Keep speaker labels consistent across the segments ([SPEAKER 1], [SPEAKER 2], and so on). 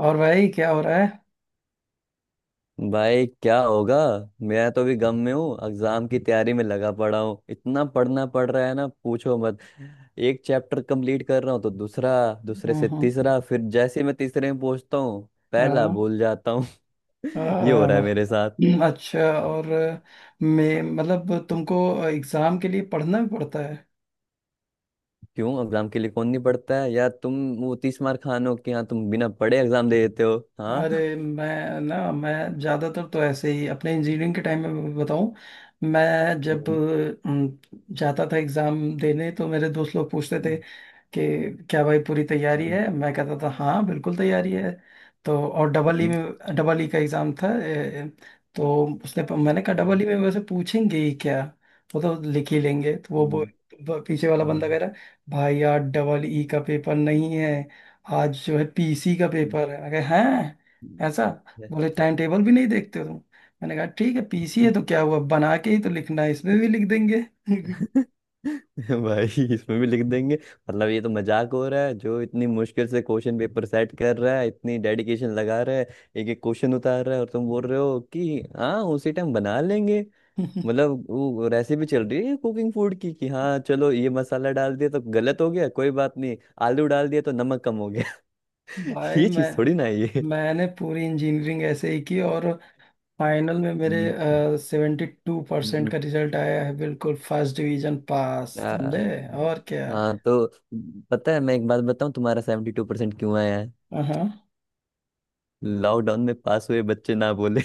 [SPEAKER 1] और भाई क्या हो रहा है।
[SPEAKER 2] भाई क्या होगा। मैं तो अभी गम में हूँ, एग्जाम की तैयारी में लगा पड़ा हूँ। इतना पढ़ना पड़ रहा है ना, पूछो मत। एक चैप्टर कंप्लीट कर रहा हूँ तो दूसरा, दूसरे
[SPEAKER 1] हाँ
[SPEAKER 2] से
[SPEAKER 1] हाँ।
[SPEAKER 2] तीसरा, फिर जैसे ही मैं तीसरे में पहुंचता हूँ पहला भूल जाता हूँ। ये हो
[SPEAKER 1] हाँ,
[SPEAKER 2] रहा है
[SPEAKER 1] हाँ,
[SPEAKER 2] मेरे साथ।
[SPEAKER 1] अच्छा। और मैं मतलब तुमको एग्जाम के लिए पढ़ना भी पड़ता है।
[SPEAKER 2] क्यों, एग्जाम के लिए कौन नहीं पढ़ता है? या तुम वो तीस मार खान हो कि हाँ, तुम बिना पढ़े एग्जाम दे देते हो? हाँ।
[SPEAKER 1] अरे मैं ज़्यादातर तो ऐसे ही अपने इंजीनियरिंग के टाइम में बताऊं, मैं जब अम, जाता था एग्ज़ाम देने तो मेरे दोस्त लोग पूछते थे कि क्या भाई पूरी तैयारी है। मैं कहता था हाँ बिल्कुल तैयारी है। तो और
[SPEAKER 2] हम्म।
[SPEAKER 1] डबल
[SPEAKER 2] हम्म।
[SPEAKER 1] ई
[SPEAKER 2] हम्म। हम्म।
[SPEAKER 1] में डबल ई का एग्ज़ाम था। तो उसने मैंने कहा डबल ई में वैसे पूछेंगे ही क्या, वो तो लिख ही लेंगे। तो वो
[SPEAKER 2] हम्म।
[SPEAKER 1] वो पीछे वाला बंदा
[SPEAKER 2] हम्म।
[SPEAKER 1] कह रहा है भाई आज डबल ई का पेपर नहीं है, आज जो है पीसी का
[SPEAKER 2] हम्म।
[SPEAKER 1] पेपर है। मैं कहा
[SPEAKER 2] हम्म।
[SPEAKER 1] हैं ऐसा। बोले टाइम टेबल भी नहीं देखते हो तुम। मैंने कहा ठीक है पीसी है
[SPEAKER 2] हम्म।
[SPEAKER 1] तो क्या हुआ, बना के ही तो लिखना है, इसमें भी लिख देंगे।
[SPEAKER 2] भाई, इसमें भी लिख देंगे? मतलब ये तो मजाक हो रहा है। जो इतनी मुश्किल से क्वेश्चन पेपर सेट कर रहा है, इतनी डेडिकेशन लगा रहा है, एक एक क्वेश्चन उतार रहा है, और तुम बोल रहे हो कि हाँ उसी टाइम बना लेंगे। मतलब वो रेसिपी चल रही है कुकिंग फूड की, कि हाँ चलो ये मसाला डाल दिया तो गलत हो गया कोई बात नहीं, आलू डाल दिया तो नमक कम हो गया।
[SPEAKER 1] भाई
[SPEAKER 2] ये
[SPEAKER 1] मैं
[SPEAKER 2] चीज थोड़ी ना है ये।
[SPEAKER 1] मैंने पूरी इंजीनियरिंग ऐसे ही की और फाइनल में मेरे
[SPEAKER 2] हम्म।
[SPEAKER 1] सेवेंटी टू परसेंट
[SPEAKER 2] हम्म।
[SPEAKER 1] का रिजल्ट आया है, बिल्कुल फर्स्ट डिवीजन पास
[SPEAKER 2] आ,
[SPEAKER 1] समझे। और क्या।
[SPEAKER 2] हाँ तो, पता है, मैं एक बात बताऊं, तुम्हारा 72% क्यों आया?
[SPEAKER 1] हाँ।
[SPEAKER 2] लॉकडाउन में पास हुए बच्चे ना, बोले।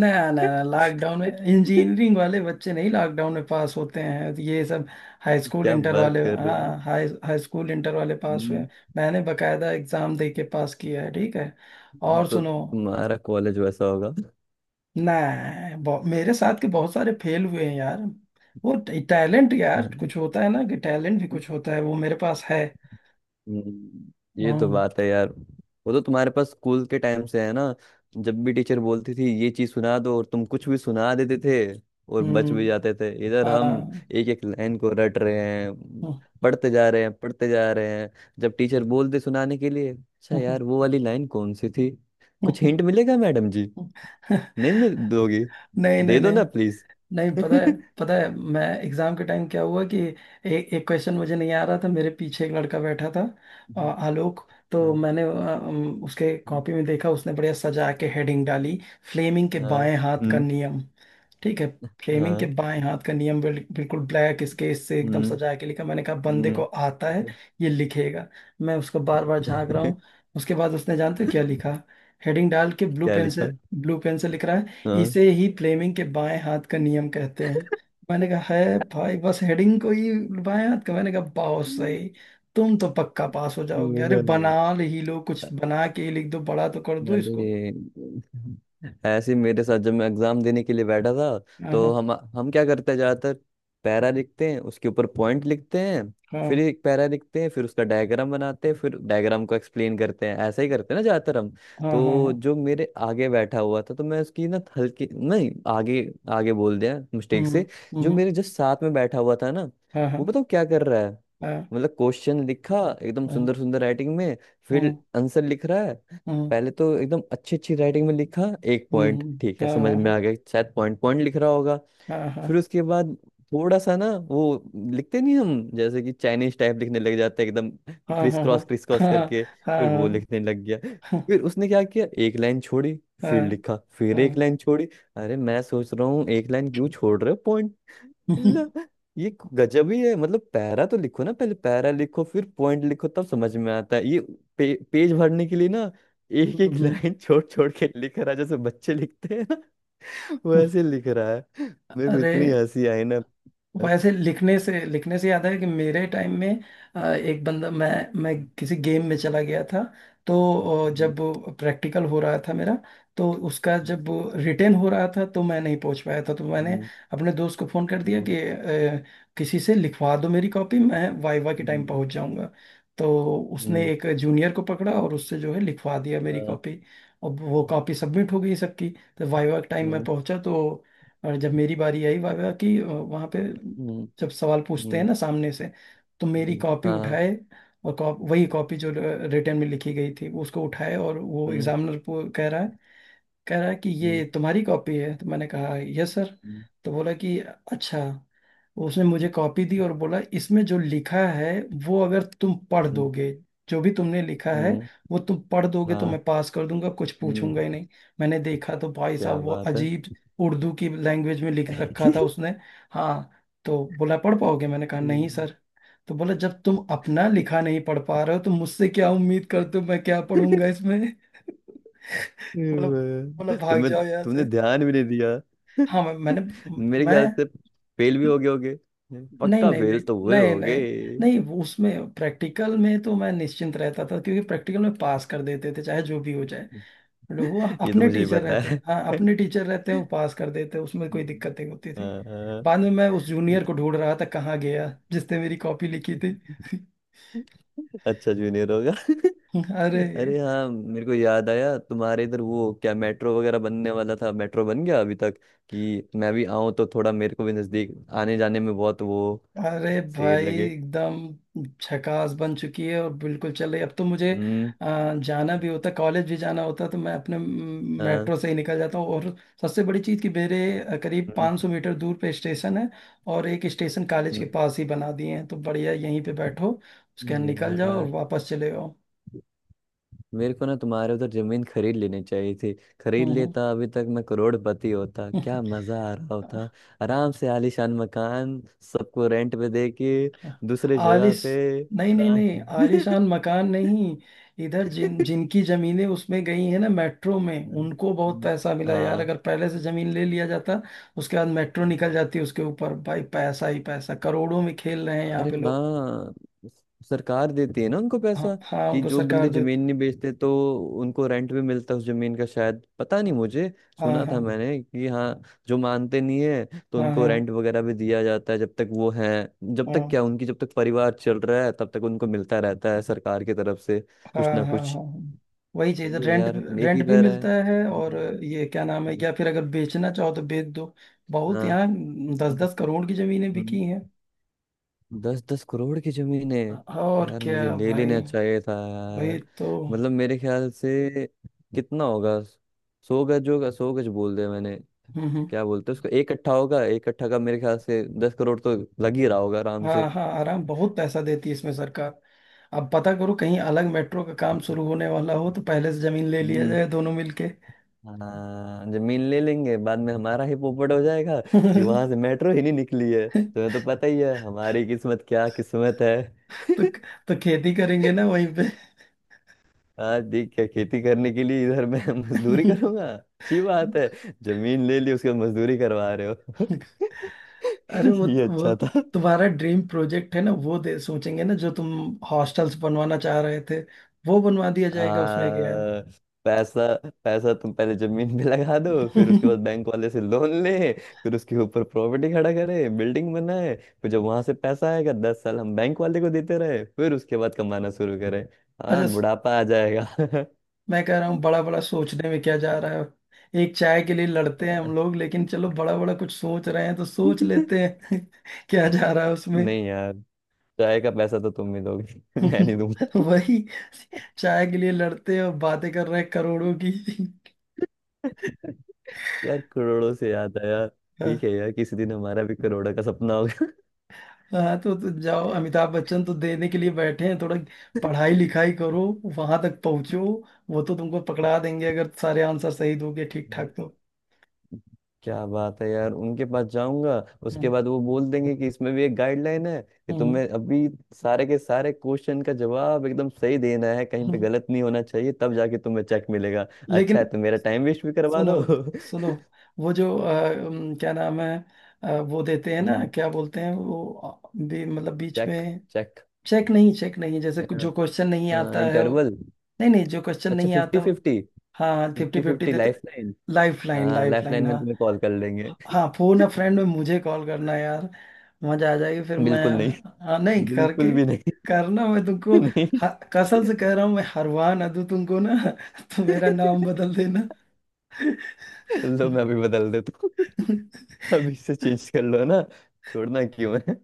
[SPEAKER 1] नया नया लॉकडाउन में इंजीनियरिंग वाले बच्चे नहीं, लॉकडाउन में पास होते हैं ये सब हाई स्कूल
[SPEAKER 2] क्या
[SPEAKER 1] इंटर
[SPEAKER 2] बात
[SPEAKER 1] वाले।
[SPEAKER 2] कर रहे हो।
[SPEAKER 1] हाँ हाई हाई स्कूल इंटर वाले पास हुए
[SPEAKER 2] हम्म।
[SPEAKER 1] हैं। मैंने बकायदा एग्जाम दे के पास किया है, ठीक है। और
[SPEAKER 2] तो
[SPEAKER 1] सुनो।
[SPEAKER 2] तुम्हारा कॉलेज वैसा होगा।
[SPEAKER 1] ना। मेरे साथ के बहुत सारे फेल हुए हैं यार। वो टैलेंट यार
[SPEAKER 2] हम्म।
[SPEAKER 1] कुछ होता है ना कि टैलेंट भी कुछ होता है, वो मेरे पास है।
[SPEAKER 2] ये तो
[SPEAKER 1] हम्म।
[SPEAKER 2] बात है यार। वो तो तुम्हारे पास स्कूल के टाइम से है ना। जब भी टीचर बोलती थी ये चीज सुना दो, और तुम कुछ भी सुना देते थे, और बच भी
[SPEAKER 1] हम्म,
[SPEAKER 2] जाते थे। इधर हम
[SPEAKER 1] हाँ।
[SPEAKER 2] एक एक लाइन को रट रहे हैं, पढ़ते जा रहे हैं, पढ़ते जा रहे हैं। जब टीचर बोलते सुनाने के लिए, अच्छा यार वो वाली लाइन कौन सी थी, कुछ हिंट मिलेगा मैडम जी? नहीं मिल दोगी?
[SPEAKER 1] नहीं नहीं
[SPEAKER 2] दे दो ना
[SPEAKER 1] नहीं।
[SPEAKER 2] प्लीज।
[SPEAKER 1] नहीं पता है। पता है मैं एग्जाम के टाइम क्या हुआ कि एक क्वेश्चन मुझे नहीं आ रहा था। मेरे पीछे एक लड़का बैठा था आलोक। तो
[SPEAKER 2] हाँ।
[SPEAKER 1] मैंने उसके कॉपी में देखा, उसने बढ़िया सजा के हेडिंग डाली, फ्लेमिंग के
[SPEAKER 2] हाँ।
[SPEAKER 1] बाएं हाथ का
[SPEAKER 2] हम्म।
[SPEAKER 1] नियम। ठीक है। फ्लेमिंग के
[SPEAKER 2] हाँ।
[SPEAKER 1] बाएं हाथ का नियम बिल्कुल ब्लैक स्केच से एकदम
[SPEAKER 2] हम्म।
[SPEAKER 1] सजा के लिखा। मैंने कहा बंदे को
[SPEAKER 2] हम्म।
[SPEAKER 1] आता है, ये लिखेगा। मैं उसको बार बार झांक रहा हूँ। उसके बाद उसने जानते हो क्या लिखा, हेडिंग डाल के ब्लू
[SPEAKER 2] क्या
[SPEAKER 1] पेन से,
[SPEAKER 2] लिखा?
[SPEAKER 1] ब्लू पेन से लिख रहा है,
[SPEAKER 2] हाँ।
[SPEAKER 1] इसे ही फ्लेमिंग के बाएं हाथ का नियम कहते हैं। मैंने कहा है भाई, बस हेडिंग को ही बाएं हाथ का। मैंने कहा बहुत सही, तुम तो पक्का पास हो जाओगे। अरे बना ही लो, कुछ बना के ही लिख दो, बड़ा तो कर दो इसको।
[SPEAKER 2] अरे, ऐसे ही मेरे साथ जब मैं एग्जाम देने के लिए बैठा था,
[SPEAKER 1] हाँ
[SPEAKER 2] तो
[SPEAKER 1] हाँ
[SPEAKER 2] हम क्या करते हैं ज्यादातर? पैरा लिखते हैं, उसके ऊपर पॉइंट लिखते हैं, फिर
[SPEAKER 1] हाँ।
[SPEAKER 2] एक पैरा लिखते हैं, फिर उसका डायग्राम बनाते हैं, फिर डायग्राम को एक्सप्लेन करते हैं, ऐसा ही करते हैं ना ज्यादातर हम।
[SPEAKER 1] हाँ हाँ
[SPEAKER 2] तो
[SPEAKER 1] हाँ।
[SPEAKER 2] जो मेरे आगे बैठा हुआ था, तो मैं उसकी ना हल्की, नहीं आगे, आगे बोल दिया मिस्टेक
[SPEAKER 1] हम्म।
[SPEAKER 2] से। जो
[SPEAKER 1] हम्म
[SPEAKER 2] मेरे जस्ट साथ में बैठा हुआ था ना,
[SPEAKER 1] हाँ
[SPEAKER 2] वो
[SPEAKER 1] हाँ।
[SPEAKER 2] बताओ क्या कर रहा है।
[SPEAKER 1] हाँ
[SPEAKER 2] मतलब क्वेश्चन लिखा एकदम सुंदर
[SPEAKER 1] हाँ।
[SPEAKER 2] सुंदर राइटिंग में, फिर
[SPEAKER 1] हम्म।
[SPEAKER 2] आंसर लिख रहा है।
[SPEAKER 1] हम्म
[SPEAKER 2] पहले तो एकदम अच्छी अच्छी राइटिंग में लिखा, एक पॉइंट,
[SPEAKER 1] हम्म।
[SPEAKER 2] ठीक है
[SPEAKER 1] हाँ
[SPEAKER 2] समझ में
[SPEAKER 1] हाँ
[SPEAKER 2] आ गया, शायद पॉइंट पॉइंट लिख रहा होगा।
[SPEAKER 1] हाँ
[SPEAKER 2] फिर उसके बाद थोड़ा सा ना, वो लिखते नहीं हम जैसे, कि चाइनीज टाइप लिखने लग जाते हैं एकदम,
[SPEAKER 1] हाँ हाँ। हाँ
[SPEAKER 2] क्रिस क्रॉस
[SPEAKER 1] हाँ हाँ।
[SPEAKER 2] करके,
[SPEAKER 1] हाँ हाँ
[SPEAKER 2] फिर वो
[SPEAKER 1] हाँ।
[SPEAKER 2] लिखने लग गया। फिर उसने क्या किया, एक लाइन छोड़ी,
[SPEAKER 1] हाँ,
[SPEAKER 2] फिर
[SPEAKER 1] हाँ,
[SPEAKER 2] लिखा, फिर एक
[SPEAKER 1] हाँ,
[SPEAKER 2] लाइन छोड़ी। अरे मैं सोच रहा हूँ एक लाइन क्यों छोड़ रहे हो, पॉइंट मतलब, ये गजब ही है। मतलब पैरा तो लिखो ना, पहले पैरा लिखो फिर पॉइंट लिखो, तब समझ में आता है ये। पेज भरने के लिए ना, एक एक
[SPEAKER 1] हम्म,
[SPEAKER 2] लाइन छोड़ छोड़ के लिख रहा है, जैसे बच्चे लिखते हैं ना।
[SPEAKER 1] हम्म,
[SPEAKER 2] वैसे लिख रहा है। मेरे को
[SPEAKER 1] अरे
[SPEAKER 2] इतनी हंसी आई ना। हम्म।
[SPEAKER 1] वैसे लिखने से याद है कि मेरे टाइम में एक बंदा, मैं किसी गेम में चला गया था। तो जब प्रैक्टिकल हो रहा था मेरा तो उसका जब रिटेन हो रहा था, तो मैं नहीं पहुंच पाया था। तो मैंने
[SPEAKER 2] हम्म।
[SPEAKER 1] अपने दोस्त को फ़ोन कर दिया कि किसी से लिखवा दो मेरी कॉपी, मैं वाइवा के
[SPEAKER 2] हम्म।
[SPEAKER 1] टाइम
[SPEAKER 2] हम्म।
[SPEAKER 1] पहुंच जाऊंगा। तो उसने
[SPEAKER 2] हम्म।
[SPEAKER 1] एक जूनियर को पकड़ा और उससे जो है लिखवा दिया मेरी
[SPEAKER 2] हाँ।
[SPEAKER 1] कॉपी। अब वो कॉपी सबमिट हो गई सबकी। तो वाइवा के टाइम मैं पहुंचा तो, और जब मेरी बारी आई वाह वाह की वहाँ पे,
[SPEAKER 2] हम्म। हम्म।
[SPEAKER 1] जब सवाल पूछते हैं
[SPEAKER 2] हम्म।
[SPEAKER 1] ना सामने से, तो मेरी
[SPEAKER 2] हम्म।
[SPEAKER 1] कॉपी
[SPEAKER 2] हाँ।
[SPEAKER 1] उठाए, और कॉप वही कॉपी जो रिटर्न में लिखी गई थी उसको उठाए, और वो
[SPEAKER 2] हम्म।
[SPEAKER 1] एग्जामिनर को कह रहा है, कह रहा कि
[SPEAKER 2] हम्म।
[SPEAKER 1] ये तुम्हारी कॉपी है। तो मैंने कहा यस सर।
[SPEAKER 2] हम्म।
[SPEAKER 1] तो बोला कि अच्छा, तो उसने मुझे कॉपी दी और बोला इसमें जो लिखा है वो अगर तुम पढ़ दोगे, जो भी तुमने लिखा है
[SPEAKER 2] हम्म।
[SPEAKER 1] वो तुम पढ़ दोगे तो
[SPEAKER 2] हाँ।
[SPEAKER 1] मैं पास कर दूंगा, कुछ
[SPEAKER 2] हम्म।
[SPEAKER 1] पूछूंगा ही नहीं। मैंने देखा तो भाई साहब
[SPEAKER 2] क्या
[SPEAKER 1] वो
[SPEAKER 2] बात है।
[SPEAKER 1] अजीब उर्दू की लैंग्वेज में लिख रखा था उसने। हाँ। तो बोला पढ़ पाओगे। मैंने कहा नहीं सर। तो बोला जब तुम अपना लिखा नहीं पढ़ पा रहे हो तो मुझसे क्या उम्मीद करते हो, मैं क्या पढ़ूंगा इसमें। मतलब, मतलब
[SPEAKER 2] वाह।
[SPEAKER 1] भाग
[SPEAKER 2] तुमने
[SPEAKER 1] जाओ यहाँ
[SPEAKER 2] तुमने
[SPEAKER 1] से।
[SPEAKER 2] ध्यान भी नहीं दिया।
[SPEAKER 1] हाँ मैं, मैंने
[SPEAKER 2] मेरे ख्याल
[SPEAKER 1] मैं
[SPEAKER 2] से फेल भी हो गए होगे,
[SPEAKER 1] नहीं
[SPEAKER 2] पक्का
[SPEAKER 1] नहीं
[SPEAKER 2] फेल
[SPEAKER 1] नहीं।
[SPEAKER 2] तो हुए
[SPEAKER 1] नहीं
[SPEAKER 2] होगे।
[SPEAKER 1] नहीं। नहीं, वो उसमें प्रैक्टिकल में तो मैं निश्चिंत रहता था क्योंकि प्रैक्टिकल में पास कर देते थे चाहे जो भी हो जाए। मतलब वो
[SPEAKER 2] ये तो
[SPEAKER 1] अपने
[SPEAKER 2] मुझे ही
[SPEAKER 1] टीचर
[SPEAKER 2] पता
[SPEAKER 1] रहते,
[SPEAKER 2] है।
[SPEAKER 1] हाँ अपने टीचर रहते हैं, वो पास कर देते, उसमें कोई
[SPEAKER 2] हम्म।
[SPEAKER 1] दिक्कत नहीं होती थी।
[SPEAKER 2] हाँ। हाँ।
[SPEAKER 1] बाद में मैं उस
[SPEAKER 2] ये
[SPEAKER 1] जूनियर को
[SPEAKER 2] तो
[SPEAKER 1] ढूंढ रहा था कहाँ गया जिसने मेरी कॉपी लिखी थी।
[SPEAKER 2] अच्छा जूनियर होगा।
[SPEAKER 1] अरे।
[SPEAKER 2] अरे हाँ, मेरे को याद आया, तुम्हारे इधर वो क्या मेट्रो वगैरह बनने वाला था, मेट्रो बन गया अभी तक? कि मैं भी आऊं तो थोड़ा मेरे को भी नजदीक, आने जाने में बहुत वो
[SPEAKER 1] अरे
[SPEAKER 2] सही
[SPEAKER 1] भाई
[SPEAKER 2] लगे।
[SPEAKER 1] एकदम झकास बन चुकी है और बिल्कुल चल रही है। अब तो मुझे
[SPEAKER 2] हम्म।
[SPEAKER 1] जाना भी होता, कॉलेज भी जाना होता तो मैं अपने
[SPEAKER 2] हाँ।
[SPEAKER 1] मेट्रो से ही निकल जाता हूँ। और सबसे बड़ी चीज़ कि मेरे करीब
[SPEAKER 2] हम्म।
[SPEAKER 1] 500 मीटर दूर पे स्टेशन है, और एक स्टेशन कॉलेज के
[SPEAKER 2] हम्म।
[SPEAKER 1] पास ही बना दिए हैं, तो बढ़िया यहीं पे बैठो, उसके बाद निकल जाओ और
[SPEAKER 2] यार,
[SPEAKER 1] वापस चले जाओ।
[SPEAKER 2] मेरे को ना तुम्हारे उधर जमीन खरीद लेनी चाहिए थी। खरीद
[SPEAKER 1] हम्म।
[SPEAKER 2] लेता अभी तक, मैं करोड़पति होता, क्या
[SPEAKER 1] हम्म।
[SPEAKER 2] मजा आ रहा होता। आराम से आलीशान मकान, सबको रेंट पे दे के, दूसरे जगह
[SPEAKER 1] आलिस
[SPEAKER 2] पे
[SPEAKER 1] नहीं नहीं
[SPEAKER 2] आराम-
[SPEAKER 1] नहीं, आलिशान मकान नहीं। इधर जिनकी जमीनें उसमें गई हैं ना मेट्रो में, उनको बहुत पैसा मिला यार।
[SPEAKER 2] हाँ।
[SPEAKER 1] अगर पहले से जमीन ले लिया जाता, उसके बाद मेट्रो निकल
[SPEAKER 2] जी।
[SPEAKER 1] जाती उसके ऊपर, भाई पैसा ही पैसा, करोड़ों में खेल रहे हैं यहाँ
[SPEAKER 2] अरे
[SPEAKER 1] पे लोग।
[SPEAKER 2] हाँ, सरकार देती है ना उनको पैसा,
[SPEAKER 1] हाँ हाँ
[SPEAKER 2] कि
[SPEAKER 1] उनको
[SPEAKER 2] जो बंदे
[SPEAKER 1] सरकार दे।
[SPEAKER 2] जमीन नहीं बेचते तो उनको रेंट भी मिलता है उस जमीन का, शायद, पता नहीं मुझे।
[SPEAKER 1] हाँ
[SPEAKER 2] सुना था
[SPEAKER 1] हाँ
[SPEAKER 2] मैंने कि हाँ, जो मानते नहीं है तो
[SPEAKER 1] हाँ। हाँ
[SPEAKER 2] उनको
[SPEAKER 1] हाँ
[SPEAKER 2] रेंट वगैरह भी दिया जाता है जब तक वो है। जब तक परिवार चल रहा है तब तक उनको मिलता रहता है सरकार की तरफ से
[SPEAKER 1] हाँ।
[SPEAKER 2] कुछ ना
[SPEAKER 1] हाँ हाँ
[SPEAKER 2] कुछ।
[SPEAKER 1] हाँ। वही चीज
[SPEAKER 2] सही है
[SPEAKER 1] रेंट,
[SPEAKER 2] यार, एक
[SPEAKER 1] रेंट
[SPEAKER 2] ही
[SPEAKER 1] भी
[SPEAKER 2] तरह है।
[SPEAKER 1] मिलता है, और
[SPEAKER 2] हम्म।
[SPEAKER 1] ये क्या नाम है,
[SPEAKER 2] हम्म।
[SPEAKER 1] या फिर अगर बेचना चाहो तो बेच दो। बहुत यहाँ दस दस करोड़ की जमीनें बिकी हैं।
[SPEAKER 2] हाँ, दस दस करोड़ की जमीन है?
[SPEAKER 1] और
[SPEAKER 2] यार, मुझे
[SPEAKER 1] क्या
[SPEAKER 2] ले लेना
[SPEAKER 1] भाई।
[SPEAKER 2] चाहिए था
[SPEAKER 1] वही
[SPEAKER 2] यार।
[SPEAKER 1] तो।
[SPEAKER 2] मतलब मेरे ख्याल से कितना होगा, 100 गज होगा, 100 गज बोल दिया मैंने।
[SPEAKER 1] हम्म।
[SPEAKER 2] क्या बोलते हैं उसको, एक कट्ठा होगा? एक कट्ठा का मेरे ख्याल से 10 करोड़ तो लग ही रहा होगा आराम
[SPEAKER 1] हाँ
[SPEAKER 2] से।
[SPEAKER 1] हाँ आराम, बहुत पैसा देती है इसमें सरकार। अब पता करो कहीं अलग मेट्रो का काम शुरू होने वाला हो तो पहले से जमीन ले लिया
[SPEAKER 2] हम्म।
[SPEAKER 1] जाए दोनों मिलके।
[SPEAKER 2] हाँ, जमीन ले लेंगे, बाद में हमारा ही पोपट हो जाएगा कि वहां से मेट्रो ही नहीं निकली है। तुम्हें तो पता ही है हमारी किस्मत, क्या किस्मत है।
[SPEAKER 1] तो तो खेती करेंगे ना वहीं पे।
[SPEAKER 2] आज देख, क्या खेती करने के लिए इधर मैं मजदूरी करूंगा? अच्छी बात है, जमीन ले ली उसके बाद मजदूरी करवा रहे हो।
[SPEAKER 1] अरे वो
[SPEAKER 2] ये
[SPEAKER 1] वो
[SPEAKER 2] अच्छा था।
[SPEAKER 1] तुम्हारा ड्रीम प्रोजेक्ट है ना, वो दे सोचेंगे ना जो तुम हॉस्टल्स बनवाना चाह रहे थे, वो बनवा दिया जाएगा, उसमें
[SPEAKER 2] आ,
[SPEAKER 1] क्या।
[SPEAKER 2] पैसा पैसा तुम पहले जमीन पे लगा दो, फिर उसके बाद बैंक वाले से लोन ले, फिर उसके ऊपर प्रॉपर्टी खड़ा करे, बिल्डिंग बनाए, फिर जब वहां से पैसा आएगा, 10 साल हम बैंक वाले को देते रहे, फिर उसके बाद कमाना शुरू करें। हाँ
[SPEAKER 1] अच्छा,
[SPEAKER 2] बुढ़ापा आ जाएगा।
[SPEAKER 1] मैं कह रहा हूँ बड़ा बड़ा सोचने में क्या जा रहा है, एक चाय के लिए लड़ते हैं हम लोग, लेकिन चलो बड़ा बड़ा कुछ सोच रहे हैं तो सोच लेते हैं। क्या जा रहा है उसमें।
[SPEAKER 2] नहीं यार, चाय का पैसा तो तुम ही दोगे। मैं नहीं दूंगा।
[SPEAKER 1] वही, चाय के लिए लड़ते हैं और बातें कर रहे हैं करोड़ों की।
[SPEAKER 2] यार, करोड़ों से याद आया, ठीक है यार, किसी दिन हमारा भी करोड़ों का सपना होगा।
[SPEAKER 1] हाँ तो जाओ, अमिताभ बच्चन तो देने के लिए बैठे हैं थोड़ा, पढ़ाई लिखाई करो, वहां तक पहुंचो, वो तो तुमको पकड़ा देंगे अगर सारे आंसर सही दोगे ठीक
[SPEAKER 2] हाँ।
[SPEAKER 1] ठाक तो।
[SPEAKER 2] क्या बात है यार, उनके पास जाऊंगा, उसके
[SPEAKER 1] हम्म,
[SPEAKER 2] बाद वो बोल देंगे कि इसमें भी एक गाइडलाइन है, कि
[SPEAKER 1] हम्म,
[SPEAKER 2] तुम्हें अभी सारे के सारे क्वेश्चन का जवाब एकदम सही देना है, कहीं पे
[SPEAKER 1] हम्म।
[SPEAKER 2] गलत नहीं होना चाहिए, तब जाके तुम्हें चेक मिलेगा, अच्छा है,
[SPEAKER 1] लेकिन
[SPEAKER 2] तो मेरा टाइम वेस्ट भी करवा
[SPEAKER 1] सुनो,
[SPEAKER 2] दो।
[SPEAKER 1] सुनो, वो जो क्या नाम है, वो देते हैं ना,
[SPEAKER 2] हम्म।
[SPEAKER 1] क्या बोलते हैं वो भी मतलब बीच
[SPEAKER 2] चेक।
[SPEAKER 1] में।
[SPEAKER 2] चेक।
[SPEAKER 1] चेक नहीं, चेक नहीं, जो क्वेश्चन नहीं आता है वो-।
[SPEAKER 2] इंटरवल।
[SPEAKER 1] नहीं नहीं, जो क्वेश्चन
[SPEAKER 2] अच्छा,
[SPEAKER 1] नहीं
[SPEAKER 2] फिफ्टी
[SPEAKER 1] आता वो-।
[SPEAKER 2] फिफ्टी।
[SPEAKER 1] हाँ फिफ्टी
[SPEAKER 2] फिफ्टी
[SPEAKER 1] फिफ्टी
[SPEAKER 2] फिफ्टी
[SPEAKER 1] देते।
[SPEAKER 2] Life line.
[SPEAKER 1] लाइफ लाइन,
[SPEAKER 2] हाँ,
[SPEAKER 1] लाइफ
[SPEAKER 2] लाइफ लाइन
[SPEAKER 1] लाइन,
[SPEAKER 2] में
[SPEAKER 1] हाँ।
[SPEAKER 2] तुम्हें कॉल कर लेंगे।
[SPEAKER 1] हाँ फोन अ फ्रेंड में मुझे कॉल करना यार। मजा आ जाएगी फिर मैं।
[SPEAKER 2] बिल्कुल नहीं।
[SPEAKER 1] हाँ नहीं करके
[SPEAKER 2] बिल्कुल भी नहीं।
[SPEAKER 1] करना, मैं तुमको
[SPEAKER 2] नहीं।
[SPEAKER 1] कसम से कह रहा हूँ मैं, हरवा ना दूं तुमको ना तो मेरा नाम बदल देना।
[SPEAKER 2] लो मैं अभी बदल देता हूँ। अभी से चेंज कर लो ना, छोड़ना क्यों है?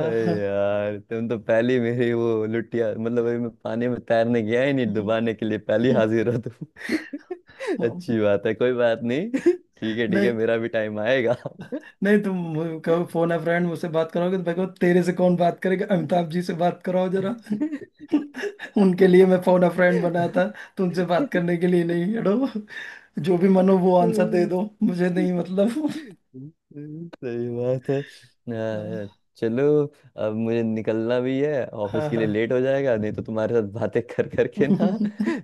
[SPEAKER 2] अरे यार, तुम तो पहली मेरी वो लुटिया, मतलब अभी मैं पानी में तैरने गया ही नहीं, डुबाने के लिए पहली
[SPEAKER 1] नहीं
[SPEAKER 2] हाजिर हो तुम। अच्छी बात है, कोई बात नहीं। ठीक है ठीक है, मेरा भी टाइम आएगा।
[SPEAKER 1] नहीं, तुम कहो फोन है फ्रेंड, मुझसे बात करोगे तो भाई कहो तेरे से कौन बात करेगा, अमिताभ जी से बात कराओ जरा। उनके लिए मैं फोन अ फ्रेंड बना था, तुमसे बात करने के लिए नहीं, हटो, जो भी मन हो वो आंसर दे
[SPEAKER 2] हम्म।
[SPEAKER 1] दो मुझे नहीं मतलब।
[SPEAKER 2] सही बात है। आ,
[SPEAKER 1] हाँ
[SPEAKER 2] चलो, अब मुझे निकलना भी है, ऑफिस के
[SPEAKER 1] हाँ
[SPEAKER 2] लिए लेट हो जाएगा, नहीं तो तुम्हारे साथ बातें कर करके ना,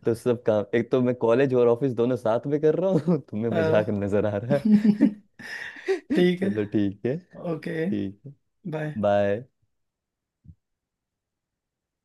[SPEAKER 2] तो सब काम, एक तो मैं कॉलेज और ऑफिस दोनों साथ में कर रहा हूँ, तुम्हें मजाक
[SPEAKER 1] हाँ।
[SPEAKER 2] नजर आ रहा है।
[SPEAKER 1] ठीक
[SPEAKER 2] चलो
[SPEAKER 1] है।
[SPEAKER 2] ठीक है
[SPEAKER 1] ओके।
[SPEAKER 2] ठीक है,
[SPEAKER 1] बाय।
[SPEAKER 2] बाय।